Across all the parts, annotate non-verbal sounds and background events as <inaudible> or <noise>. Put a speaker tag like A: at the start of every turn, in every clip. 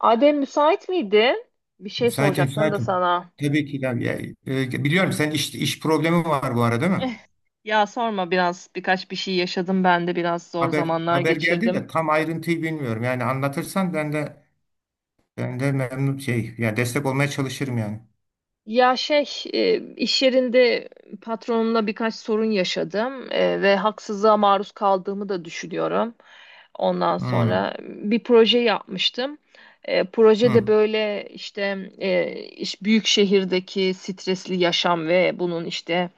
A: Adem, müsait miydin? Bir şey
B: Müsaitim,
A: soracaktım da
B: müsaitim.
A: sana. <laughs>
B: Tabii ki ya, ya, biliyorum sen iş problemi var bu arada, değil mi?
A: Eh, Ya sorma, biraz birkaç bir şey yaşadım, ben de biraz zor
B: Haber
A: zamanlar
B: haber geldi
A: geçirdim.
B: de tam ayrıntıyı bilmiyorum. Yani anlatırsan ben de memnun şey ya, destek olmaya çalışırım yani.
A: Ya şey, iş yerinde patronumla birkaç sorun yaşadım ve haksızlığa maruz kaldığımı da düşünüyorum. Ondan
B: Hmm,
A: sonra bir proje yapmıştım. Projede
B: hmm.
A: böyle işte büyük şehirdeki stresli yaşam ve bunun işte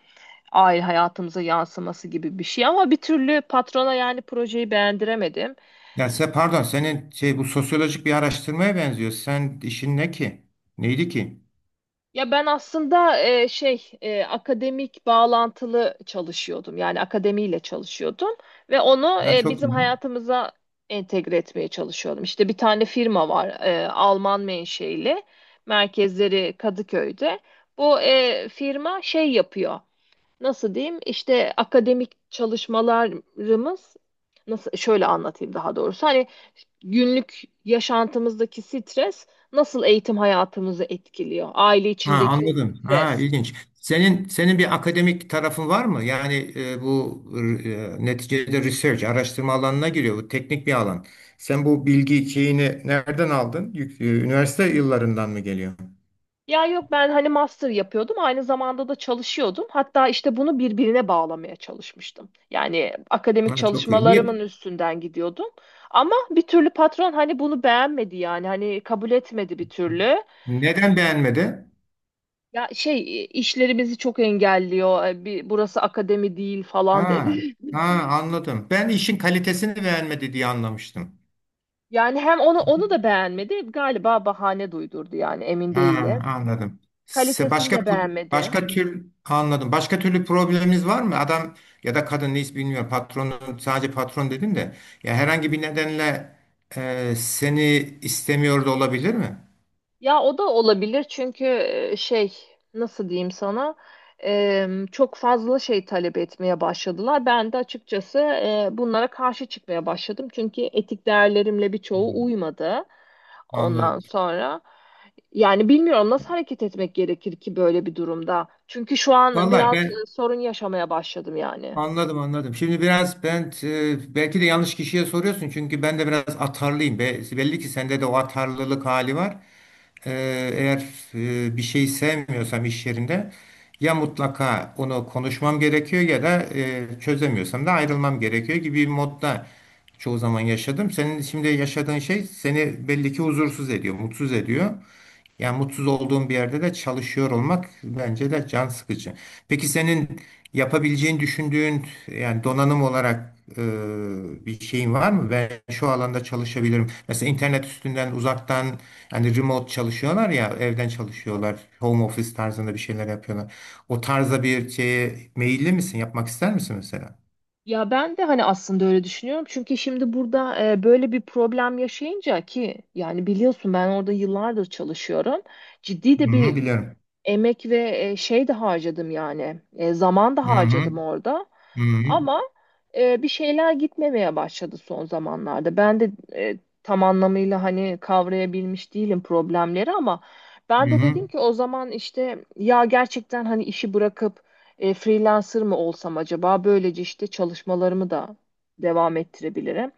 A: aile hayatımıza yansıması gibi bir şey, ama bir türlü patrona yani projeyi beğendiremedim.
B: Ya sen pardon, senin şey, bu sosyolojik bir araştırmaya benziyor. Sen işin ne ki? Neydi ki?
A: Ya ben aslında akademik bağlantılı çalışıyordum. Yani akademiyle çalışıyordum ve onu
B: Ya çok
A: bizim
B: iyi.
A: hayatımıza entegre etmeye çalışıyordum. İşte bir tane firma var, Alman menşeili. Merkezleri Kadıköy'de. Bu firma şey yapıyor. Nasıl diyeyim, işte akademik çalışmalarımız nasıl, şöyle anlatayım daha doğrusu, hani günlük yaşantımızdaki stres nasıl eğitim hayatımızı etkiliyor, aile
B: Ha,
A: içindeki o
B: anladım. Ha,
A: stres.
B: ilginç. Senin bir akademik tarafın var mı? Yani bu neticede research, araştırma alanına giriyor. Bu teknik bir alan. Sen bu bilgi şeyini nereden aldın? Üniversite yıllarından mı geliyor?
A: Ya yok, ben hani master yapıyordum, aynı zamanda da çalışıyordum, hatta işte bunu birbirine bağlamaya çalışmıştım, yani akademik
B: Ha, çok iyi.
A: çalışmalarımın
B: Niye?
A: üstünden gidiyordum, ama bir türlü patron hani bunu beğenmedi, yani hani kabul etmedi bir türlü.
B: Neden beğenmedi?
A: Ya şey işleri bizi çok engelliyor. Bir, burası akademi değil falan dedi.
B: Ha, ha,
A: <laughs>
B: anladım. Ben işin kalitesini beğenmedi diye anlamıştım.
A: Yani hem onu onu da beğenmedi. Galiba bahane duydurdu, yani emin
B: Ha,
A: değilim.
B: anladım.
A: Kalitesini
B: Başka
A: de beğenmedi.
B: başka tür anladım. Başka türlü probleminiz var mı? Adam ya da kadın neyse bilmiyorum. Patronun sadece patron dedin de, ya herhangi bir nedenle seni istemiyor da olabilir mi?
A: Ya o da olabilir, çünkü e, şey nasıl diyeyim sana, çok fazla şey talep etmeye başladılar. Ben de açıkçası bunlara karşı çıkmaya başladım. Çünkü etik değerlerimle birçoğu
B: Hmm,
A: uymadı ondan
B: anladım.
A: sonra. Yani bilmiyorum nasıl hareket etmek gerekir ki böyle bir durumda. Çünkü şu an
B: Vallahi
A: biraz
B: ben
A: sorun yaşamaya başladım yani.
B: anladım, anladım. Şimdi biraz ben belki de yanlış kişiye soruyorsun çünkü ben de biraz atarlıyım. Belli ki sende de o atarlılık hali var. Eğer bir şeyi sevmiyorsam iş yerinde, ya mutlaka onu konuşmam gerekiyor ya da çözemiyorsam da ayrılmam gerekiyor gibi bir modda çoğu zaman yaşadım. Senin şimdi yaşadığın şey seni belli ki huzursuz ediyor, mutsuz ediyor. Yani mutsuz olduğun bir yerde de çalışıyor olmak bence de can sıkıcı. Peki senin yapabileceğini düşündüğün, yani donanım olarak bir şeyin var mı? Ben şu alanda çalışabilirim. Mesela internet üstünden uzaktan, yani remote çalışıyorlar ya, evden çalışıyorlar. Home office tarzında bir şeyler yapıyorlar. O tarza bir şeye meyilli misin? Yapmak ister misin mesela?
A: Ya ben de hani aslında öyle düşünüyorum. Çünkü şimdi burada böyle bir problem yaşayınca, ki yani biliyorsun ben orada yıllardır çalışıyorum. Ciddi
B: Hı
A: de
B: hı,
A: bir
B: biliyorum.
A: emek ve şey de harcadım, yani zaman da
B: Hı hı,
A: harcadım orada,
B: hı hı,
A: ama bir şeyler gitmemeye başladı son zamanlarda. Ben de tam anlamıyla hani kavrayabilmiş değilim problemleri, ama ben
B: hı
A: de
B: hı.
A: dedim ki o zaman işte, ya gerçekten hani işi bırakıp freelancer mı olsam acaba, böylece işte çalışmalarımı da devam ettirebilirim.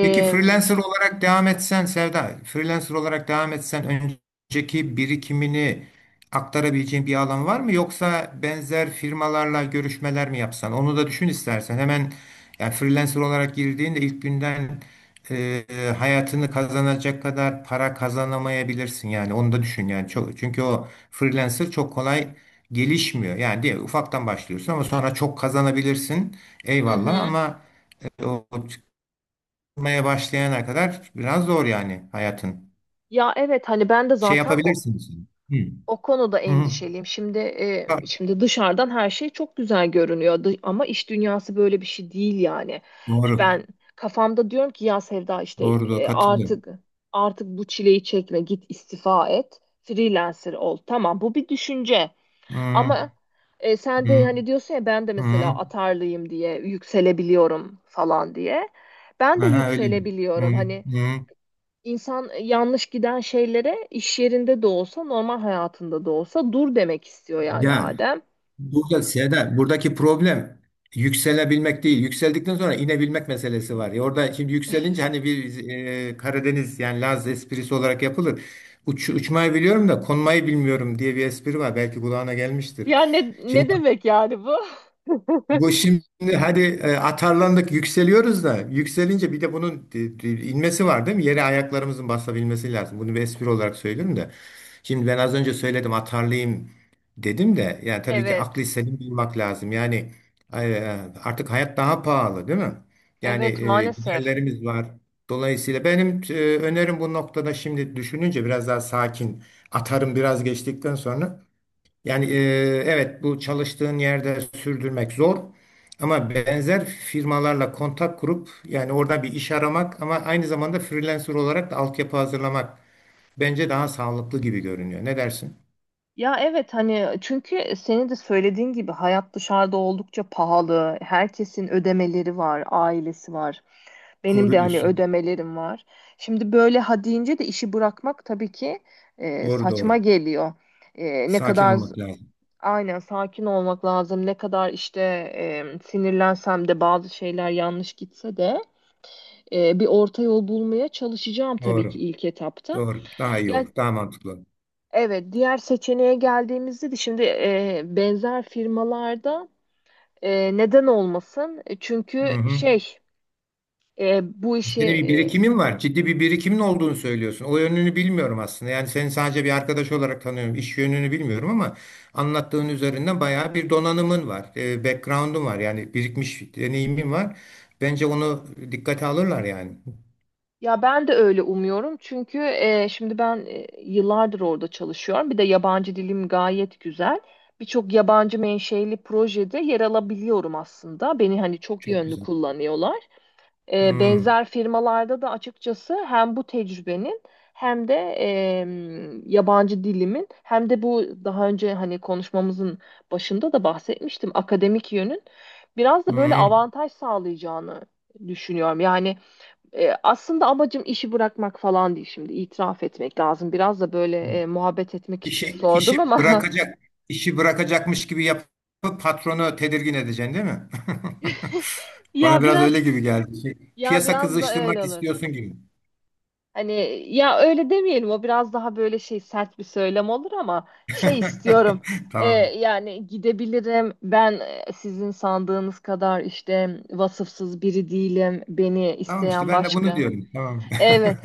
B: Peki freelancer olarak devam etsen Sevda, freelancer olarak devam etsen önceki birikimini aktarabileceğin bir alan var mı? Yoksa benzer firmalarla görüşmeler mi yapsan? Onu da düşün istersen. Hemen yani freelancer olarak girdiğinde ilk günden e, hayatını kazanacak kadar para kazanamayabilirsin yani. Onu da düşün yani. Çok, çünkü o freelancer çok kolay gelişmiyor. Yani diye ufaktan başlıyorsun ama sonra çok kazanabilirsin.
A: hı
B: Eyvallah
A: hı.
B: ama o yapmaya başlayana kadar biraz zor yani hayatın.
A: Ya evet hani ben de
B: Şey
A: zaten o,
B: yapabilirsiniz. Hı.
A: o konuda
B: Hı. Hı.
A: endişeliyim.
B: Ha,
A: Şimdi dışarıdan her şey çok güzel görünüyor, ama iş dünyası böyle bir şey değil yani.
B: doğru.
A: Ben kafamda diyorum ki ya Sevda işte,
B: Doğru doğru, katılıyorum.
A: artık, bu çileyi çekme, git istifa et, freelancer ol. Tamam, bu bir düşünce,
B: Hı.
A: ama sen de
B: Hı.
A: hani diyorsun ya ben de mesela
B: Hı.
A: atarlıyım diye yükselebiliyorum falan diye. Ben de
B: Aha, öyle mi? Hı.
A: yükselebiliyorum. Hani
B: Hı.
A: İnsan, yanlış giden şeylere iş yerinde de olsa, normal hayatında da olsa dur demek istiyor yani
B: Yani
A: Adem.
B: burada Seda, buradaki problem yükselebilmek değil. Yükseldikten sonra inebilmek meselesi var. Ya orada şimdi yükselince hani bir Karadeniz yani Laz esprisi olarak yapılır. Uç, uçmayı biliyorum da konmayı bilmiyorum diye bir espri var. Belki kulağına gelmiştir.
A: Ya ne,
B: Şimdi
A: ne demek yani bu? <laughs>
B: bu şimdi hadi atarlandık, yükseliyoruz da yükselince bir de bunun inmesi var değil mi? Yere ayaklarımızın basabilmesi lazım. Bunu bir espri olarak söylüyorum da. Şimdi ben az önce söyledim atarlayayım dedim de, yani tabii ki aklı
A: Evet.
B: selim bulmak lazım. Yani e, e, artık hayat daha pahalı değil mi? Yani
A: Evet, maalesef.
B: giderlerimiz var. Dolayısıyla benim önerim bu noktada, şimdi düşününce biraz daha sakin atarım biraz geçtikten sonra yani evet, bu çalıştığın yerde sürdürmek zor ama benzer firmalarla kontak kurup yani orada bir iş aramak ama aynı zamanda freelancer olarak da altyapı hazırlamak bence daha sağlıklı gibi görünüyor. Ne dersin?
A: Ya evet hani, çünkü senin de söylediğin gibi hayat dışarıda oldukça pahalı. Herkesin ödemeleri var, ailesi var. Benim
B: Doğru
A: de hani
B: diyorsun.
A: ödemelerim var. Şimdi böyle ha deyince de işi bırakmak tabii ki
B: Doğru
A: saçma
B: doğru.
A: geliyor. Ne
B: Sakin
A: kadar...
B: olmak lazım.
A: Aynen, sakin olmak lazım. Ne kadar işte sinirlensem de, bazı şeyler yanlış gitse de, bir orta yol bulmaya çalışacağım tabii ki
B: Doğru.
A: ilk etapta.
B: Doğru. Daha iyi
A: Ya
B: olur. Daha mantıklı.
A: evet, diğer seçeneğe geldiğimizde de, şimdi benzer firmalarda, neden olmasın?
B: Hı
A: Çünkü
B: hı.
A: şey, bu
B: Senin
A: işi...
B: bir birikimin var. Ciddi bir birikimin olduğunu söylüyorsun. O yönünü bilmiyorum aslında. Yani seni sadece bir arkadaş olarak tanıyorum. İş yönünü bilmiyorum ama anlattığın üzerinden bayağı bir donanımın var. E, background'un var. Yani birikmiş deneyimin var. Bence onu dikkate alırlar yani.
A: Ya ben de öyle umuyorum, çünkü şimdi ben yıllardır orada çalışıyorum. Bir de yabancı dilim gayet güzel. Birçok yabancı menşeli projede yer alabiliyorum aslında. Beni hani çok
B: Çok
A: yönlü
B: güzel.
A: kullanıyorlar.
B: Hmm,
A: Benzer firmalarda da açıkçası hem bu tecrübenin hem de yabancı dilimin, hem de bu daha önce hani konuşmamızın başında da bahsetmiştim akademik yönün biraz da böyle
B: hmm.
A: avantaj sağlayacağını düşünüyorum. Yani aslında amacım işi bırakmak falan değil, şimdi itiraf etmek lazım. Biraz da böyle muhabbet etmek için
B: İşi,
A: sordum
B: işi
A: ama
B: bırakacak, işi bırakacakmış gibi yapıp patronu tedirgin edeceksin değil mi? <laughs>
A: <laughs>
B: Bana
A: ya
B: biraz
A: biraz,
B: öyle gibi geldi. Şey,
A: ya
B: piyasa
A: biraz da öyle
B: kızıştırmak
A: olur.
B: istiyorsun gibi.
A: Hani, ya öyle demeyelim, o biraz daha böyle şey sert bir söylem olur, ama şey istiyorum.
B: <laughs> Tamam.
A: Yani gidebilirim ben, sizin sandığınız kadar işte vasıfsız biri değilim. Beni
B: Tamam işte,
A: isteyen
B: ben de bunu
A: başka.
B: diyorum. Tamam. <laughs>
A: Evet,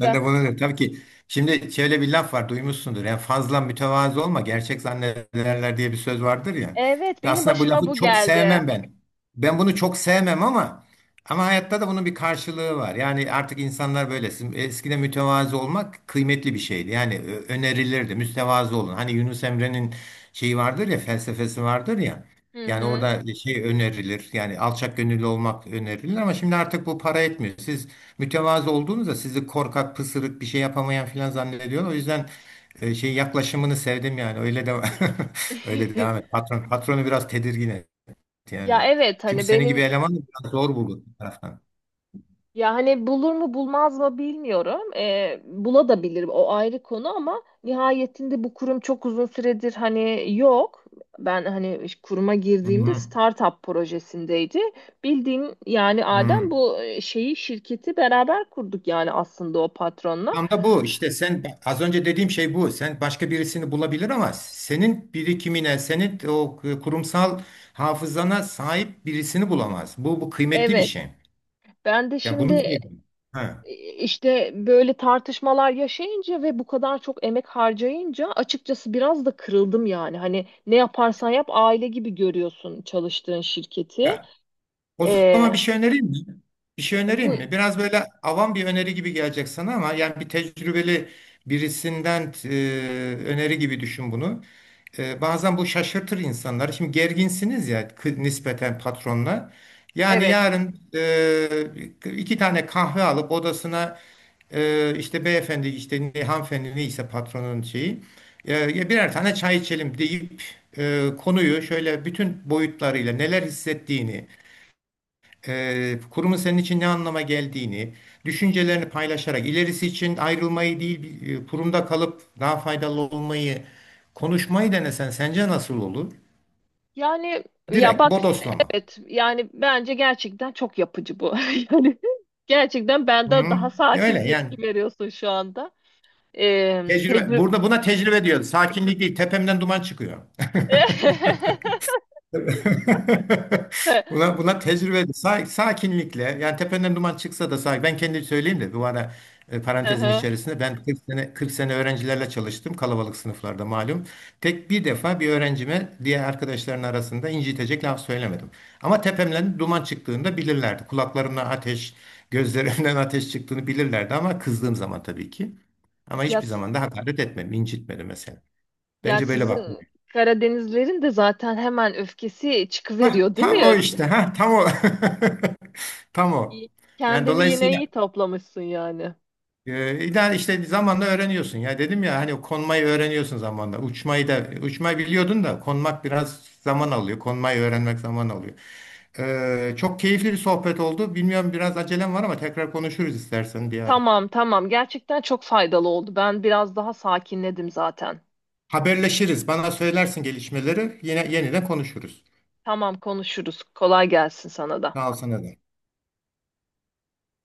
B: Ben de bunu diyorum. Tabii ki şimdi şöyle bir laf var, duymuşsundur. Yani fazla mütevazı olma, gerçek zannederler diye bir söz vardır ya.
A: Evet,
B: Ve
A: benim
B: aslında bu
A: başıma
B: lafı
A: bu
B: çok
A: geldi.
B: sevmem ben. Ben bunu çok sevmem ama ama hayatta da bunun bir karşılığı var. Yani artık insanlar böylesin. Eskiden mütevazı olmak kıymetli bir şeydi. Yani önerilirdi. Mütevazı olun. Hani Yunus Emre'nin şeyi vardır ya, felsefesi vardır ya.
A: Hı
B: Yani
A: hı.
B: orada şey önerilir. Yani alçak gönüllü olmak önerilir ama şimdi artık bu para etmiyor. Siz mütevazı olduğunuzda sizi korkak, pısırık, bir şey yapamayan filan zannediyor. O yüzden şey yaklaşımını sevdim yani. Öyle de <laughs> öyle devam
A: <laughs>
B: et. Patronu biraz tedirgin et
A: Ya
B: yani.
A: evet
B: Çünkü
A: hani
B: senin gibi
A: benim,
B: eleman da biraz zor bulur bir taraftan.
A: ya hani bulur mu bulmaz mı bilmiyorum. Bula da bilir, o ayrı konu, ama nihayetinde bu kurum çok uzun süredir hani yok. Ben hani kuruma
B: Hı
A: girdiğimde
B: hı.
A: startup projesindeydi. Bildiğin yani Adem,
B: Hı.
A: bu şeyi, şirketi beraber kurduk yani aslında, o patronla.
B: Tam da bu işte, sen az önce dediğim şey bu. Sen başka birisini bulabilir ama senin birikimine, senin o kurumsal hafızana sahip birisini bulamaz. Bu kıymetli bir
A: Evet.
B: şey.
A: Ben de
B: Yani bunu
A: şimdi
B: söyleyeyim. Ha.
A: işte böyle tartışmalar yaşayınca ve bu kadar çok emek harcayınca açıkçası biraz da kırıldım yani. Hani ne yaparsan yap aile gibi görüyorsun çalıştığın şirketi.
B: Ya, o
A: Ee,
B: zaman bir şey önereyim mi? Bir şey önereyim
A: Bu
B: mi? Biraz böyle avam bir öneri gibi gelecek sana ama yani bir tecrübeli birisinden öneri gibi düşün bunu. E, bazen bu şaşırtır insanları. Şimdi gerginsiniz ya nispeten patronla. Yani
A: evet.
B: yarın iki tane kahve alıp odasına işte beyefendi işte ne, hanımefendi neyse patronun şeyi ya birer tane çay içelim deyip konuyu şöyle bütün boyutlarıyla neler hissettiğini, kurumun senin için ne anlama geldiğini, düşüncelerini paylaşarak ilerisi için ayrılmayı değil, kurumda kalıp daha faydalı olmayı konuşmayı denesen sence nasıl olur?
A: Yani ya
B: Direkt
A: bak,
B: bodoslama.
A: evet, yani bence gerçekten çok yapıcı bu. <laughs> Yani gerçekten
B: Hı
A: benden daha
B: hı.
A: sakin
B: Öyle yani.
A: tepki veriyorsun şu anda.
B: Tecrübe.
A: Tecrübe.
B: Burada buna tecrübe diyoruz. Sakinlik değil, tepemden duman çıkıyor. <laughs> <laughs> Buna tecrübe, sakinlikle, yani tependen duman çıksa da sakin. Ben kendi söyleyeyim de bu ara parantezin
A: <laughs>
B: içerisinde ben 40 sene, 40 sene öğrencilerle çalıştım kalabalık sınıflarda malum. Tek bir defa bir öğrencime diğer arkadaşların arasında incitecek laf söylemedim. Ama tepemden duman çıktığında bilirlerdi. Kulaklarımdan ateş, gözlerimden <laughs> ateş çıktığını bilirlerdi ama kızdığım zaman tabii ki. Ama
A: Ya,
B: hiçbir zaman da hakaret etmedim, incitmedim mesela.
A: ya
B: Bence böyle bak.
A: sizin Karadenizlerin de zaten hemen öfkesi
B: Hah,
A: çıkıveriyor değil
B: tam o
A: mi?
B: işte. Ha, tam o. <laughs> Tam o.
A: İyi-
B: Yani
A: Kendini yine
B: dolayısıyla
A: iyi toplamışsın yani.
B: ideal işte zamanla öğreniyorsun. Ya dedim ya hani konmayı öğreniyorsun zamanla. Uçmayı da uçmayı biliyordun da konmak biraz zaman alıyor. Konmayı öğrenmek zaman alıyor. E, çok keyifli bir sohbet oldu. Bilmiyorum biraz acelem var ama tekrar konuşuruz istersen bir ara.
A: Tamam, tamam, gerçekten çok faydalı oldu. Ben biraz daha sakinledim zaten.
B: Haberleşiriz. Bana söylersin gelişmeleri. Yine yeniden konuşuruz.
A: Tamam, konuşuruz. Kolay gelsin sana da.
B: Sağ ol sana da.